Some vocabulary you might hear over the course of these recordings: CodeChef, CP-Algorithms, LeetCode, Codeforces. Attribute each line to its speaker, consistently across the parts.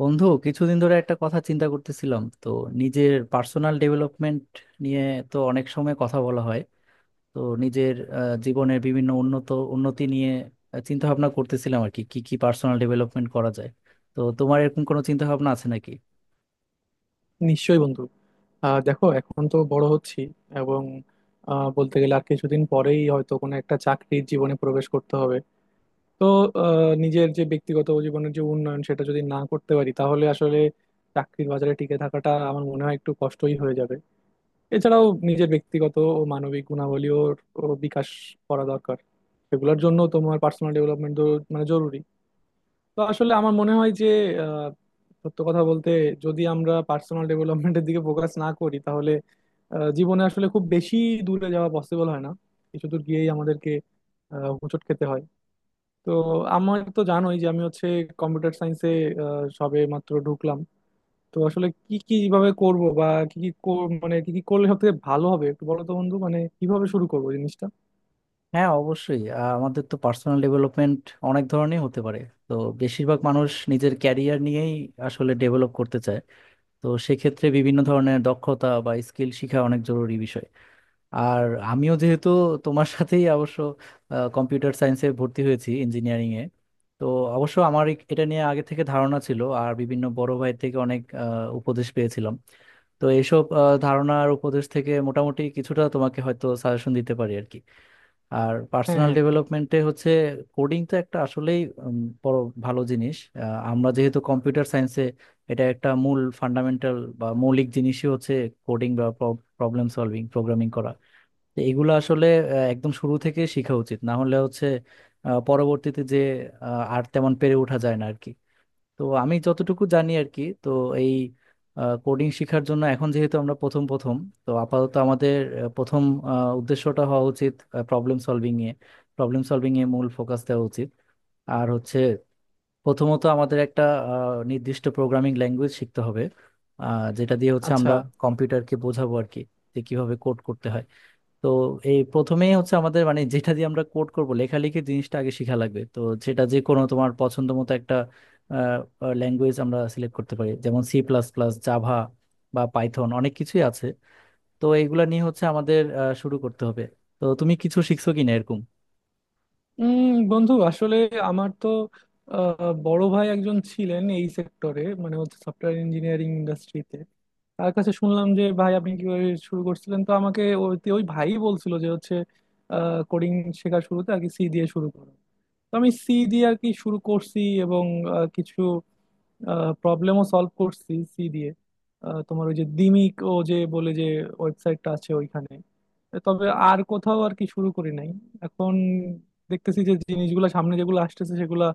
Speaker 1: বন্ধু, কিছুদিন ধরে একটা কথা চিন্তা করতেছিলাম তো, নিজের পার্সোনাল ডেভেলপমেন্ট নিয়ে তো অনেক সময় কথা বলা হয়। তো নিজের জীবনের বিভিন্ন উন্নতি নিয়ে চিন্তা ভাবনা করতেছিলাম, আর কি কি কি পার্সোনাল ডেভেলপমেন্ট করা যায়। তো তোমার এরকম কোনো চিন্তা ভাবনা আছে নাকি?
Speaker 2: নিশ্চয়ই বন্ধু। দেখো, এখন তো বড় হচ্ছি, এবং বলতে গেলে আর কিছুদিন পরেই হয়তো কোনো একটা চাকরির জীবনে প্রবেশ করতে হবে। তো নিজের যে ব্যক্তিগত জীবনের যে উন্নয়ন, সেটা যদি না করতে পারি তাহলে আসলে চাকরির বাজারে টিকে থাকাটা আমার মনে হয় একটু কষ্টই হয়ে যাবে। এছাড়াও নিজের ব্যক্তিগত ও মানবিক গুণাবলীও ও বিকাশ করা দরকার। সেগুলোর জন্য তোমার পার্সোনাল ডেভেলপমেন্ট মানে জরুরি। তো আসলে আমার মনে হয় যে, সত্য কথা বলতে, যদি আমরা পার্সোনাল ডেভেলপমেন্টের দিকে ফোকাস না করি তাহলে জীবনে আসলে খুব বেশি দূরে যাওয়া পসিবল হয় না। কিছু দূর গিয়েই আমাদেরকে হোঁচট খেতে হয়। তো আমার তো জানোই যে আমি হচ্ছে কম্পিউটার সায়েন্সে সবে মাত্র ঢুকলাম। তো আসলে কি কি কিভাবে করব, বা কি কি কর- মানে কি কি করলে সব থেকে ভালো হবে একটু বলো তো বন্ধু, মানে কিভাবে শুরু করবো জিনিসটা?
Speaker 1: হ্যাঁ, অবশ্যই। আমাদের তো পার্সোনাল ডেভেলপমেন্ট অনেক ধরনের হতে পারে। তো বেশিরভাগ মানুষ নিজের ক্যারিয়ার নিয়েই আসলে ডেভেলপ করতে চায়। তো সেক্ষেত্রে বিভিন্ন ধরনের দক্ষতা বা স্কিল শেখা অনেক জরুরি বিষয়। আর আমিও যেহেতু তোমার সাথেই অবশ্য কম্পিউটার সায়েন্সে ভর্তি হয়েছি, ইঞ্জিনিয়ারিং এ, তো অবশ্য আমার এটা নিয়ে আগে থেকে ধারণা ছিল, আর বিভিন্ন বড় ভাই থেকে অনেক উপদেশ পেয়েছিলাম। তো এইসব ধারণা আর উপদেশ থেকে মোটামুটি কিছুটা তোমাকে হয়তো সাজেশন দিতে পারি আর কি। আর
Speaker 2: হ্যাঁ,
Speaker 1: পার্সোনাল
Speaker 2: হ্যাঁ।
Speaker 1: ডেভেলপমেন্টে হচ্ছে কোডিং তো একটা আসলেই উম, বড় ভালো জিনিস। আমরা যেহেতু কম্পিউটার সায়েন্সে, এটা একটা মূল ফান্ডামেন্টাল বা মৌলিক জিনিসই হচ্ছে কোডিং বা প্রবলেম সলভিং প্রোগ্রামিং করা। তো এগুলো আসলে একদম শুরু থেকে শেখা উচিত, না হলে হচ্ছে পরবর্তীতে যে আর তেমন পেরে ওঠা যায় না আর কি। তো আমি যতটুকু জানি আর কি, তো এই কোডিং শেখার জন্য এখন যেহেতু আমরা প্রথম প্রথম, তো আপাতত আমাদের প্রথম উদ্দেশ্যটা হওয়া উচিত প্রবলেম সলভিং এ, প্রবলেম সলভিং এ মূল ফোকাস দেওয়া উচিত। আর হচ্ছে, প্রথমত আমাদের একটা নির্দিষ্ট প্রোগ্রামিং ল্যাঙ্গুয়েজ শিখতে হবে, যেটা দিয়ে হচ্ছে
Speaker 2: আচ্ছা।
Speaker 1: আমরা কম্পিউটারকে বোঝাবো আর কি, যে কিভাবে কোড করতে হয়। তো এই প্রথমেই হচ্ছে আমাদের, মানে যেটা দিয়ে আমরা কোড করব লেখালেখি, জিনিসটা আগে শেখা লাগবে তো। সেটা যে কোনো তোমার পছন্দ মতো একটা ল্যাঙ্গুয়েজ আমরা সিলেক্ট করতে পারি, যেমন সি প্লাস প্লাস, জাভা বা পাইথন, অনেক কিছুই আছে। তো এইগুলা নিয়ে হচ্ছে আমাদের শুরু করতে হবে। তো তুমি কিছু শিখছো কিনা এরকম?
Speaker 2: উম বন্ধু আসলে আমার তো বড় ভাই একজন ছিলেন এই সেক্টরে, মানে হচ্ছে সফটওয়্যার ইঞ্জিনিয়ারিং ইন্ডাস্ট্রিতে। তার কাছে শুনলাম যে ভাই আপনি কিভাবে শুরু করছিলেন, তো আমাকে ওই ওই ভাই বলছিল যে হচ্ছে কোডিং শেখার শুরুতে আর কি সি দিয়ে শুরু করো। তো আমি সি দিয়ে আর কি শুরু করছি, এবং কিছু প্রবলেমও সলভ করছি সি দিয়ে। তোমার ওই যে দিমিক ও যে বলে যে ওয়েবসাইটটা আছে, ওইখানে। তবে আর কোথাও আর কি শুরু করি নাই। এখন দেখতেছি যে জিনিসগুলো সামনে যেগুলো আসতেছে সেগুলা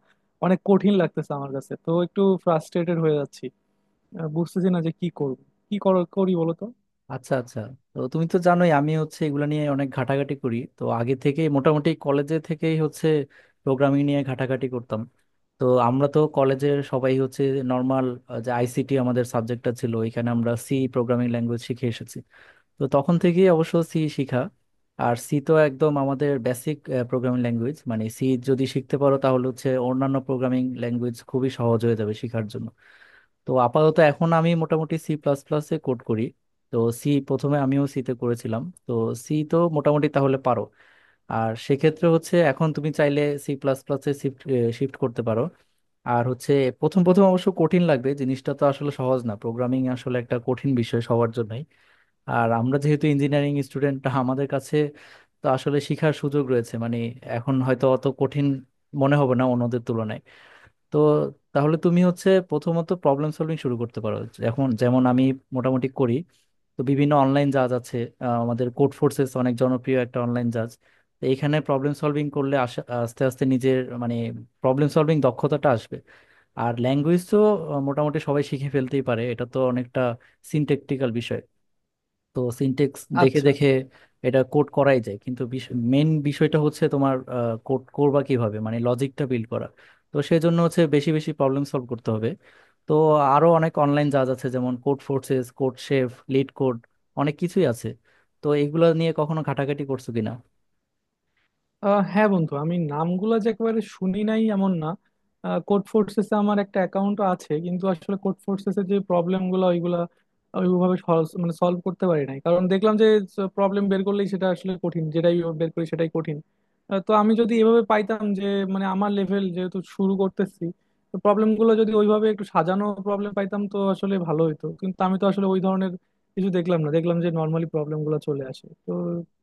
Speaker 2: অনেক কঠিন লাগতেছে আমার কাছে, তো একটু ফ্রাস্ট্রেটেড হয়ে যাচ্ছি। বুঝতেছি না যে কি করব। করি বলো তো?
Speaker 1: আচ্ছা, আচ্ছা। তো তুমি তো জানোই আমি হচ্ছে এগুলো নিয়ে অনেক ঘাটাঘাটি করি, তো আগে থেকেই মোটামুটি কলেজে থেকেই হচ্ছে প্রোগ্রামিং নিয়ে ঘাটাঘাটি করতাম। তো আমরা তো কলেজের সবাই হচ্ছে নর্মাল, যে আইসিটি আমাদের সাবজেক্টটা ছিল, এখানে আমরা সি প্রোগ্রামিং ল্যাঙ্গুয়েজ শিখে এসেছি। তো তখন থেকেই অবশ্য সি শিখা। আর সি তো একদম আমাদের বেসিক প্রোগ্রামিং ল্যাঙ্গুয়েজ, মানে সি যদি শিখতে পারো তাহলে হচ্ছে অন্যান্য প্রোগ্রামিং ল্যাঙ্গুয়েজ খুবই সহজ হয়ে যাবে শেখার জন্য। তো আপাতত এখন আমি মোটামুটি সি প্লাস প্লাসে কোড করি। তো সি প্রথমে আমিও সিতে করেছিলাম, তো সি তো মোটামুটি তাহলে পারো। আর সেক্ষেত্রে হচ্ছে এখন তুমি চাইলে সি প্লাস প্লাসে শিফট শিফট করতে পারো। আর হচ্ছে, প্রথম প্রথম অবশ্য কঠিন লাগবে জিনিসটা, তো আসলে সহজ না, প্রোগ্রামিং আসলে একটা কঠিন বিষয় সবার জন্যই। আর আমরা যেহেতু ইঞ্জিনিয়ারিং স্টুডেন্ট, আমাদের কাছে তো আসলে শিখার সুযোগ রয়েছে, মানে এখন হয়তো অত কঠিন মনে হবে না অন্যদের তুলনায়। তো তাহলে তুমি হচ্ছে প্রথমত প্রবলেম সলভিং শুরু করতে পারো, এখন যেমন আমি মোটামুটি করি। তো বিভিন্ন অনলাইন জাজ আছে, আমাদের কোড ফোর্সেস অনেক জনপ্রিয় একটা অনলাইন জাজ। তো এখানে প্রবলেম সলভিং করলে আস্তে আস্তে নিজের মানে প্রবলেম সলভিং দক্ষতাটা আসবে। আর ল্যাঙ্গুয়েজ তো মোটামুটি সবাই শিখে ফেলতেই পারে, এটা তো অনেকটা সিনট্যাকটিক্যাল বিষয়। তো সিনটেক্স দেখে
Speaker 2: আচ্ছা।
Speaker 1: দেখে এটা কোড করাই যায়, কিন্তু মেন বিষয়টা হচ্ছে তোমার কোড করবা কিভাবে, মানে লজিকটা বিল্ড করা। তো সেই জন্য হচ্ছে বেশি বেশি প্রবলেম সলভ করতে হবে। তো আরো অনেক অনলাইন জাজ আছে, যেমন Codeforces, CodeChef, LeetCode, অনেক কিছুই আছে। তো এগুলো নিয়ে কখনো ঘাটাঘাটি করছো কিনা?
Speaker 2: হ্যাঁ বন্ধু, আমি নামগুলা যে একেবারে শুনি নাই এমন না। কোড ফোর্সেসে আমার একটা অ্যাকাউন্ট আছে, কিন্তু আসলে কোড ফোর্সেসে যে প্রবলেম গুলো ওইগুলা ওইভাবে মানে সলভ করতে পারি নাই, কারণ দেখলাম যে প্রবলেম বের করলেই সেটা আসলে কঠিন, যেটাই বের করি সেটাই কঠিন। তো আমি যদি এভাবে পাইতাম যে, মানে আমার লেভেল যেহেতু শুরু করতেছি, তো প্রবলেম গুলো যদি ওইভাবে একটু সাজানো প্রবলেম পাইতাম তো আসলে ভালো হতো, কিন্তু আমি তো আসলে ওই ধরনের কিছু দেখলাম না, দেখলাম যে নর্মালি প্রবলেম গুলো চলে আসে। তো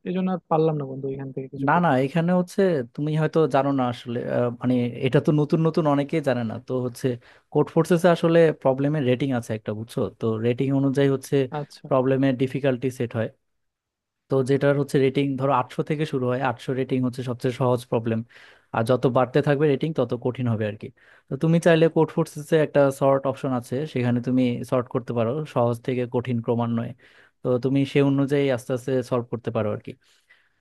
Speaker 2: এই জন্য আর পারলাম না বন্ধু এখান থেকে কিছু
Speaker 1: না, না,
Speaker 2: করতে।
Speaker 1: এখানে হচ্ছে তুমি হয়তো জানো না আসলে, মানে এটা তো নতুন নতুন অনেকেই জানে না। তো হচ্ছে, কোড ফোর্সেসে আসলে প্রবলেমের রেটিং আছে একটা, বুঝছো তো, রেটিং অনুযায়ী হচ্ছে
Speaker 2: আচ্ছা,
Speaker 1: প্রবলেমের ডিফিকাল্টি সেট হয়। তো যেটার হচ্ছে রেটিং, ধরো 800 থেকে শুরু হয়, 800 রেটিং হচ্ছে সবচেয়ে সহজ প্রবলেম। আর যত বাড়তে থাকবে রেটিং তত কঠিন হবে আর কি। তো তুমি চাইলে কোড ফোর্সেসে একটা সর্ট অপশন আছে, সেখানে তুমি সর্ট করতে পারো সহজ থেকে কঠিন ক্রমান্বয়ে। তো তুমি সে অনুযায়ী আস্তে আস্তে সলভ করতে পারো আর কি।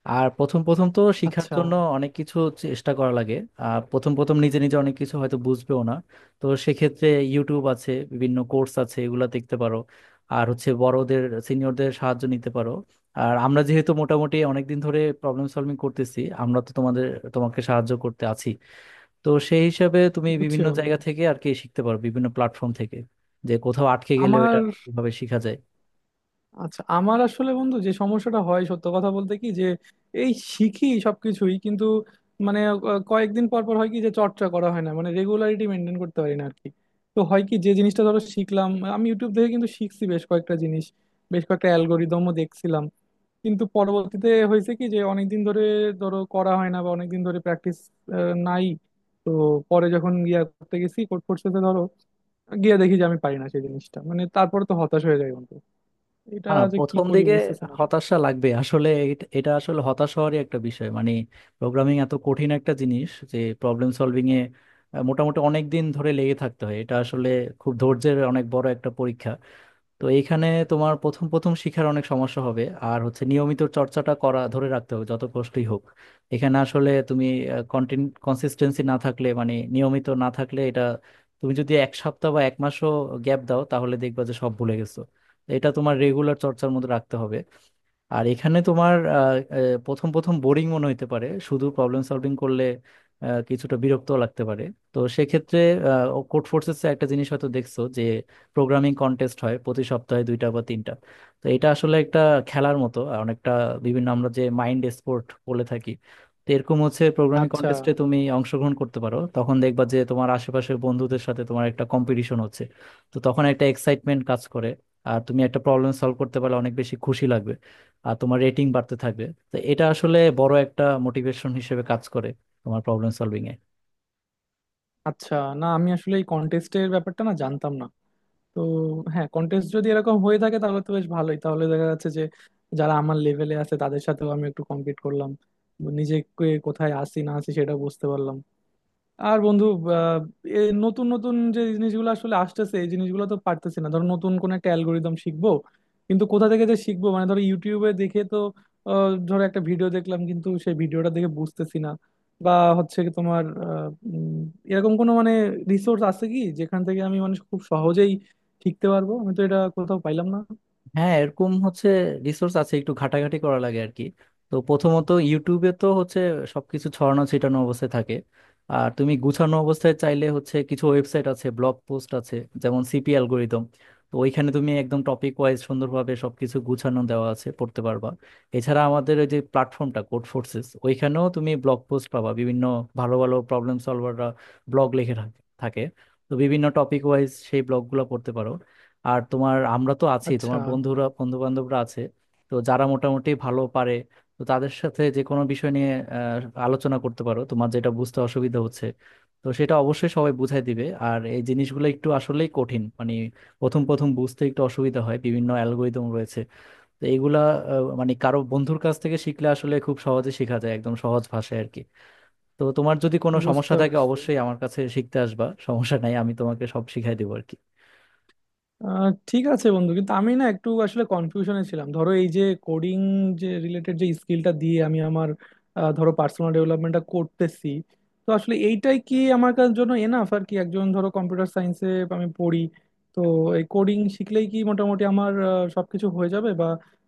Speaker 1: আর প্রথম প্রথম তো শিখার
Speaker 2: আচ্ছা।
Speaker 1: জন্য অনেক কিছু চেষ্টা করা লাগে। আর প্রথম প্রথম নিজে নিজে অনেক কিছু হয়তো বুঝবেও না। তো সেক্ষেত্রে ইউটিউব আছে, বিভিন্ন কোর্স আছে, এগুলা দেখতে পারো। আর হচ্ছে বড়দের, সিনিয়রদের সাহায্য নিতে পারো। আর আমরা যেহেতু মোটামুটি অনেকদিন ধরে প্রবলেম সলভিং করতেছি, আমরা তো তোমাকে সাহায্য করতে আছি। তো সেই হিসাবে তুমি
Speaker 2: বুঝছি
Speaker 1: বিভিন্ন
Speaker 2: বন্ধু।
Speaker 1: জায়গা থেকে আর কি শিখতে পারো, বিভিন্ন প্ল্যাটফর্ম থেকে, যে কোথাও আটকে গেলে ওটা
Speaker 2: আমার
Speaker 1: কিভাবে শেখা যায়।
Speaker 2: আমার আসলে বন্ধু যে সমস্যাটা হয়, সত্য কথা বলতে কি, যে এই শিখি সবকিছুই কিন্তু, মানে কয়েকদিন পর পর হয় কি যে চর্চা করা হয় না, মানে রেগুলারিটি মেনটেন করতে পারি না আর কি। তো হয় কি যে জিনিসটা ধরো শিখলাম, আমি ইউটিউব থেকে কিন্তু শিখছি বেশ কয়েকটা জিনিস, বেশ কয়েকটা অ্যালগোরিদমও দেখছিলাম, কিন্তু পরবর্তীতে হয়েছে কি যে অনেকদিন ধরে ধরো করা হয় না, বা অনেকদিন ধরে প্র্যাকটিস নাই। তো পরে যখন ইয়া করতে গেছি কোর্ট ফোর্সেতে ধরো, গিয়ে দেখি যে আমি পারি না সেই জিনিসটা, মানে তারপর তো হতাশ হয়ে যাই বন্ধু। এটা
Speaker 1: না, না,
Speaker 2: যে কি
Speaker 1: প্রথম
Speaker 2: করি
Speaker 1: দিকে
Speaker 2: বুঝতেছি না আসলে।
Speaker 1: হতাশা লাগবে আসলে, এটা এটা আসলে হতাশ হওয়ারই একটা বিষয়, মানে প্রোগ্রামিং এত কঠিন একটা জিনিস যে প্রবলেম সলভিং এ মোটামুটি অনেক দিন ধরে লেগে থাকতে হয়, এটা আসলে খুব ধৈর্যের অনেক বড় একটা পরীক্ষা। তো এইখানে তোমার প্রথম প্রথম শিখার অনেক সমস্যা হবে, আর হচ্ছে নিয়মিত চর্চাটা করা ধরে রাখতে হবে যত কষ্টই হোক। এখানে আসলে তুমি কনসিস্টেন্সি না থাকলে মানে নিয়মিত না থাকলে এটা, তুমি যদি 1 সপ্তাহ বা 1 মাসও গ্যাপ দাও তাহলে দেখবা যে সব ভুলে গেছো। তো এটা তোমার রেগুলার চর্চার মধ্যে রাখতে হবে। আর এখানে তোমার আহ, আহ, প্রথম প্রথম বোরিং মনে হতে পারে শুধু প্রবলেম সলভিং করলে, কিছুটা বিরক্ত লাগতে পারে। তো সেক্ষেত্রে কোড ফোর্সেস একটা জিনিস হয়তো দেখছো, যে প্রোগ্রামিং কন্টেস্ট হয় প্রতি সপ্তাহে 2টা বা 3টা। তো এটা আসলে একটা খেলার মতো আর, অনেকটা বিভিন্ন আমরা যে মাইন্ড স্পোর্ট বলে থাকি, তো এরকম হচ্ছে। প্রোগ্রামিং
Speaker 2: আচ্ছা,
Speaker 1: কন্টেস্টে তুমি অংশগ্রহণ করতে পারো, তখন দেখবা যে তোমার আশেপাশের বন্ধুদের সাথে তোমার একটা কম্পিটিশন হচ্ছে। তো তখন একটা এক্সাইটমেন্ট কাজ করে। আর তুমি একটা প্রবলেম সলভ করতে পারলে অনেক বেশি খুশি লাগবে। আর তোমার রেটিং বাড়তে থাকবে। তো এটা আসলে বড় একটা মোটিভেশন হিসেবে কাজ করে তোমার প্রবলেম সলভিং এ।
Speaker 2: আচ্ছা। না, আমি আসলে এই কন্টেস্টের ব্যাপারটা না জানতাম না। তো হ্যাঁ, কন্টেস্ট যদি এরকম হয়ে থাকে তাহলে তো বেশ ভালোই। তাহলে দেখা যাচ্ছে যে যারা আমার লেভেলে আছে তাদের সাথেও আমি একটু কম্পিট করলাম, নিজেকে কোথায় আসি না আসি সেটা বুঝতে পারলাম। আর বন্ধু, আহ, এ নতুন নতুন যে জিনিসগুলো আসলে আসতেছে এই জিনিসগুলো তো পারতেছি না। ধরো নতুন কোন একটা অ্যালগোরিদম শিখবো, কিন্তু কোথা থেকে যে শিখবো? মানে ধরো ইউটিউবে দেখে তো ধরো একটা ভিডিও দেখলাম, কিন্তু সেই ভিডিওটা দেখে বুঝতেছি না। বা হচ্ছে কি, তোমার উম, এরকম কোনো মানে রিসোর্স আছে কি যেখান থেকে আমি মানে খুব সহজেই শিখতে পারবো? আমি তো এটা কোথাও পাইলাম না।
Speaker 1: হ্যাঁ, এরকম হচ্ছে রিসোর্স আছে, একটু ঘাটাঘাটি করা লাগে আর কি। তো প্রথমত ইউটিউবে তো হচ্ছে সবকিছু ছড়ানো ছিটানো অবস্থায় থাকে। আর তুমি গুছানো অবস্থায় চাইলে হচ্ছে কিছু ওয়েবসাইট আছে, ব্লগ পোস্ট আছে, যেমন সিপি অ্যালগোরিদম। তো ওইখানে তুমি একদম টপিক ওয়াইজ সুন্দরভাবে সবকিছু গুছানো দেওয়া আছে, পড়তে পারবা। এছাড়া আমাদের ওই যে প্ল্যাটফর্মটা কোড ফোর্সেস, ওইখানেও তুমি ব্লগ পোস্ট পাবা, বিভিন্ন ভালো ভালো প্রবলেম সলভাররা ব্লগ লিখে থাকে থাকে। তো বিভিন্ন টপিক ওয়াইজ সেই ব্লগগুলো পড়তে পারো। আর তোমার, আমরা তো আছি,
Speaker 2: আচ্ছা।
Speaker 1: তোমার বন্ধুরা, বন্ধু বান্ধবরা আছে, তো যারা মোটামুটি ভালো পারে, তো তাদের সাথে যে কোনো বিষয় নিয়ে আহ, আলোচনা করতে পারো, তোমার যেটা বুঝতে অসুবিধা হচ্ছে। তো সেটা অবশ্যই সবাই বুঝাই দিবে। আর এই জিনিসগুলো একটু আসলেই কঠিন, মানে প্রথম প্রথম বুঝতে একটু অসুবিধা হয়, বিভিন্ন অ্যালগোরিদম রয়েছে। তো এইগুলা মানে কারো বন্ধুর কাছ থেকে শিখলে আসলে খুব সহজে শেখা যায় একদম সহজ ভাষায় আর কি। তো তোমার যদি কোনো সমস্যা
Speaker 2: বুঝতে
Speaker 1: থাকে
Speaker 2: পারছি।
Speaker 1: অবশ্যই আমার কাছে শিখতে আসবা, সমস্যা নাই, আমি তোমাকে সব শিখাই দেবো আর কি।
Speaker 2: ঠিক আছে বন্ধু, কিন্তু আমি না একটু আসলে কনফিউশনে ছিলাম। ধরো এই যে কোডিং যে রিলেটেড যে স্কিলটা দিয়ে আমি আমার ধরো পার্সোনাল ডেভেলপমেন্টটা করতেছি, তো আসলে এইটাই কি আমার কার জন্য এনাফ আর কি? একজন ধরো কম্পিউটার সায়েন্সে আমি পড়ি, তো এই কোডিং শিখলেই কি মোটামুটি আমার সবকিছু হয়ে যাবে, বা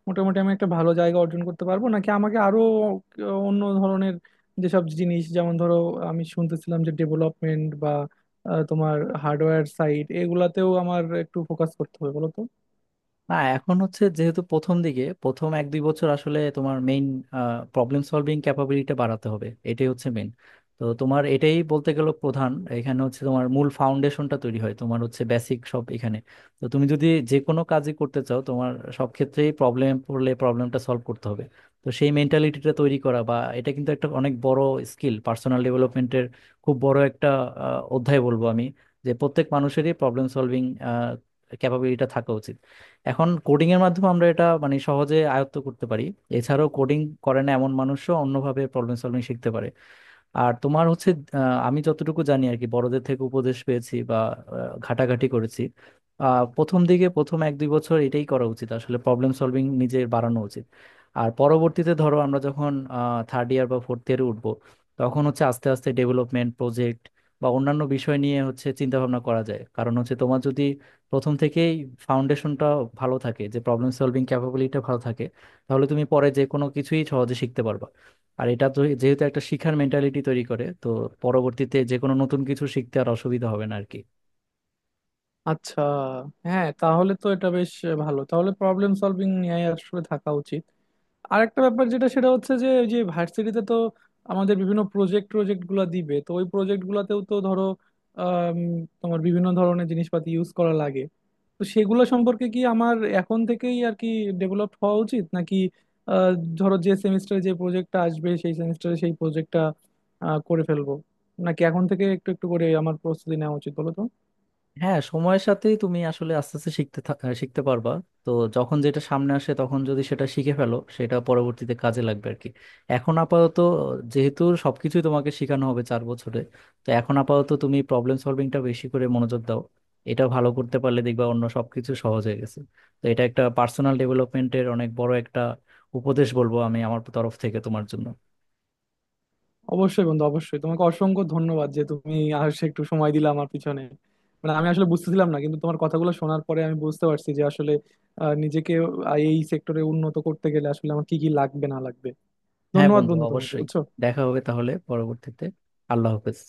Speaker 2: মোটামুটি আমি একটা ভালো জায়গা অর্জন করতে পারবো? নাকি আমাকে আরো অন্য ধরনের যেসব জিনিস, যেমন ধরো আমি শুনতেছিলাম যে ডেভেলপমেন্ট, তোমার হার্ডওয়্যার সাইড, এগুলাতেও আমার একটু ফোকাস করতে হবে বলো তো?
Speaker 1: না, এখন হচ্ছে যেহেতু প্রথম দিকে প্রথম 1-2 বছর আসলে তোমার মেইন প্রবলেম সলভিং ক্যাপাবিলিটি বাড়াতে হবে, এটাই হচ্ছে মেইন। তো তোমার এটাই বলতে গেলে প্রধান, এখানে হচ্ছে তোমার মূল ফাউন্ডেশনটা তৈরি হয়, তোমার হচ্ছে বেসিক সব এখানে। তো তুমি যদি যে কোনো কাজই করতে চাও তোমার সব ক্ষেত্রেই প্রবলেম পড়লে প্রবলেমটা সলভ করতে হবে। তো সেই মেন্টালিটিটা তৈরি করা, বা এটা কিন্তু একটা অনেক বড় স্কিল, পার্সোনাল ডেভেলপমেন্টের খুব বড় একটা অধ্যায় বলবো আমি, যে প্রত্যেক মানুষেরই প্রবলেম সলভিং ক্যাপাবিলিটিটা থাকা উচিত। এখন কোডিং এর মাধ্যমে আমরা এটা মানে সহজে আয়ত্ত করতে পারি। এছাড়াও কোডিং করে না এমন মানুষও অন্যভাবে প্রবলেম সলভিং শিখতে পারে। আর তোমার হচ্ছে আহ, আমি যতটুকু জানি আর কি, বড়দের থেকে উপদেশ পেয়েছি বা ঘাটাঘাটি করেছি, প্রথম দিকে প্রথম এক দুই বছর এটাই করা উচিত আসলে, প্রবলেম সলভিং নিজের বাড়ানো উচিত। আর পরবর্তীতে ধরো আমরা যখন থার্ড ইয়ার বা ফোর্থ ইয়ারে উঠবো, তখন হচ্ছে আস্তে আস্তে ডেভেলপমেন্ট প্রজেক্ট বা অন্যান্য বিষয় নিয়ে হচ্ছে চিন্তা ভাবনা করা যায়। কারণ হচ্ছে তোমার যদি প্রথম থেকেই ফাউন্ডেশনটা ভালো থাকে, যে প্রবলেম সলভিং ক্যাপাবিলিটিটা ভালো থাকে, তাহলে তুমি পরে যে কোনো কিছুই সহজে শিখতে পারবা। আর এটা তো যেহেতু একটা শিখার মেন্টালিটি তৈরি করে, তো পরবর্তীতে যে কোনো নতুন কিছু শিখতে আর অসুবিধা হবে না আর কি।
Speaker 2: আচ্ছা। হ্যাঁ তাহলে তো এটা বেশ ভালো। তাহলে প্রবলেম সলভিং নিয়ে আসলে থাকা উচিত। আরেকটা ব্যাপার, যেটা সেটা হচ্ছে যে, ওই যে ভার্সিটিতে তো আমাদের বিভিন্ন প্রজেক্ট প্রজেক্ট গুলা দিবে, তো ওই প্রজেক্ট গুলাতেও তো ধরো আম, তোমার বিভিন্ন ধরনের জিনিসপাতি ইউজ করা লাগে। তো সেগুলো সম্পর্কে কি আমার এখন থেকেই আর কি ডেভেলপ হওয়া উচিত? নাকি আহ, ধরো যে সেমিস্টারে যে প্রজেক্টটা আসবে সেই সেমিস্টারে সেই প্রজেক্টটা করে ফেলবো, নাকি এখন থেকে একটু একটু করে আমার প্রস্তুতি নেওয়া উচিত বলো তো?
Speaker 1: হ্যাঁ, সময়ের সাথেই তুমি আসলে আস্তে আস্তে শিখতে পারবা। তো যখন যেটা সামনে আসে তখন যদি সেটা শিখে ফেলো সেটা পরবর্তীতে কাজে লাগবে আর কি। এখন আপাতত যেহেতু সবকিছুই তোমাকে শেখানো হবে 4 বছরে, তো এখন আপাতত তুমি প্রবলেম সলভিংটা বেশি করে মনোযোগ দাও। এটা ভালো করতে পারলে দেখবা অন্য সবকিছু সহজ হয়ে গেছে। তো এটা একটা পার্সোনাল ডেভেলপমেন্টের অনেক বড় একটা উপদেশ বলবো আমি আমার তরফ থেকে তোমার জন্য।
Speaker 2: অবশ্যই বন্ধু, অবশ্যই। তোমাকে অসংখ্য ধন্যবাদ যে তুমি আসে একটু সময় দিলে আমার পিছনে। মানে আমি আসলে বুঝতেছিলাম না, কিন্তু তোমার কথাগুলো শোনার পরে আমি বুঝতে পারছি যে আসলে নিজেকে এই সেক্টরে উন্নত করতে গেলে আসলে আমার কি কি লাগবে না লাগবে।
Speaker 1: হ্যাঁ
Speaker 2: ধন্যবাদ
Speaker 1: বন্ধু,
Speaker 2: বন্ধু তোমাকে,
Speaker 1: অবশ্যই।
Speaker 2: বুঝছো।
Speaker 1: দেখা হবে তাহলে পরবর্তীতে। আল্লাহ হাফেজ।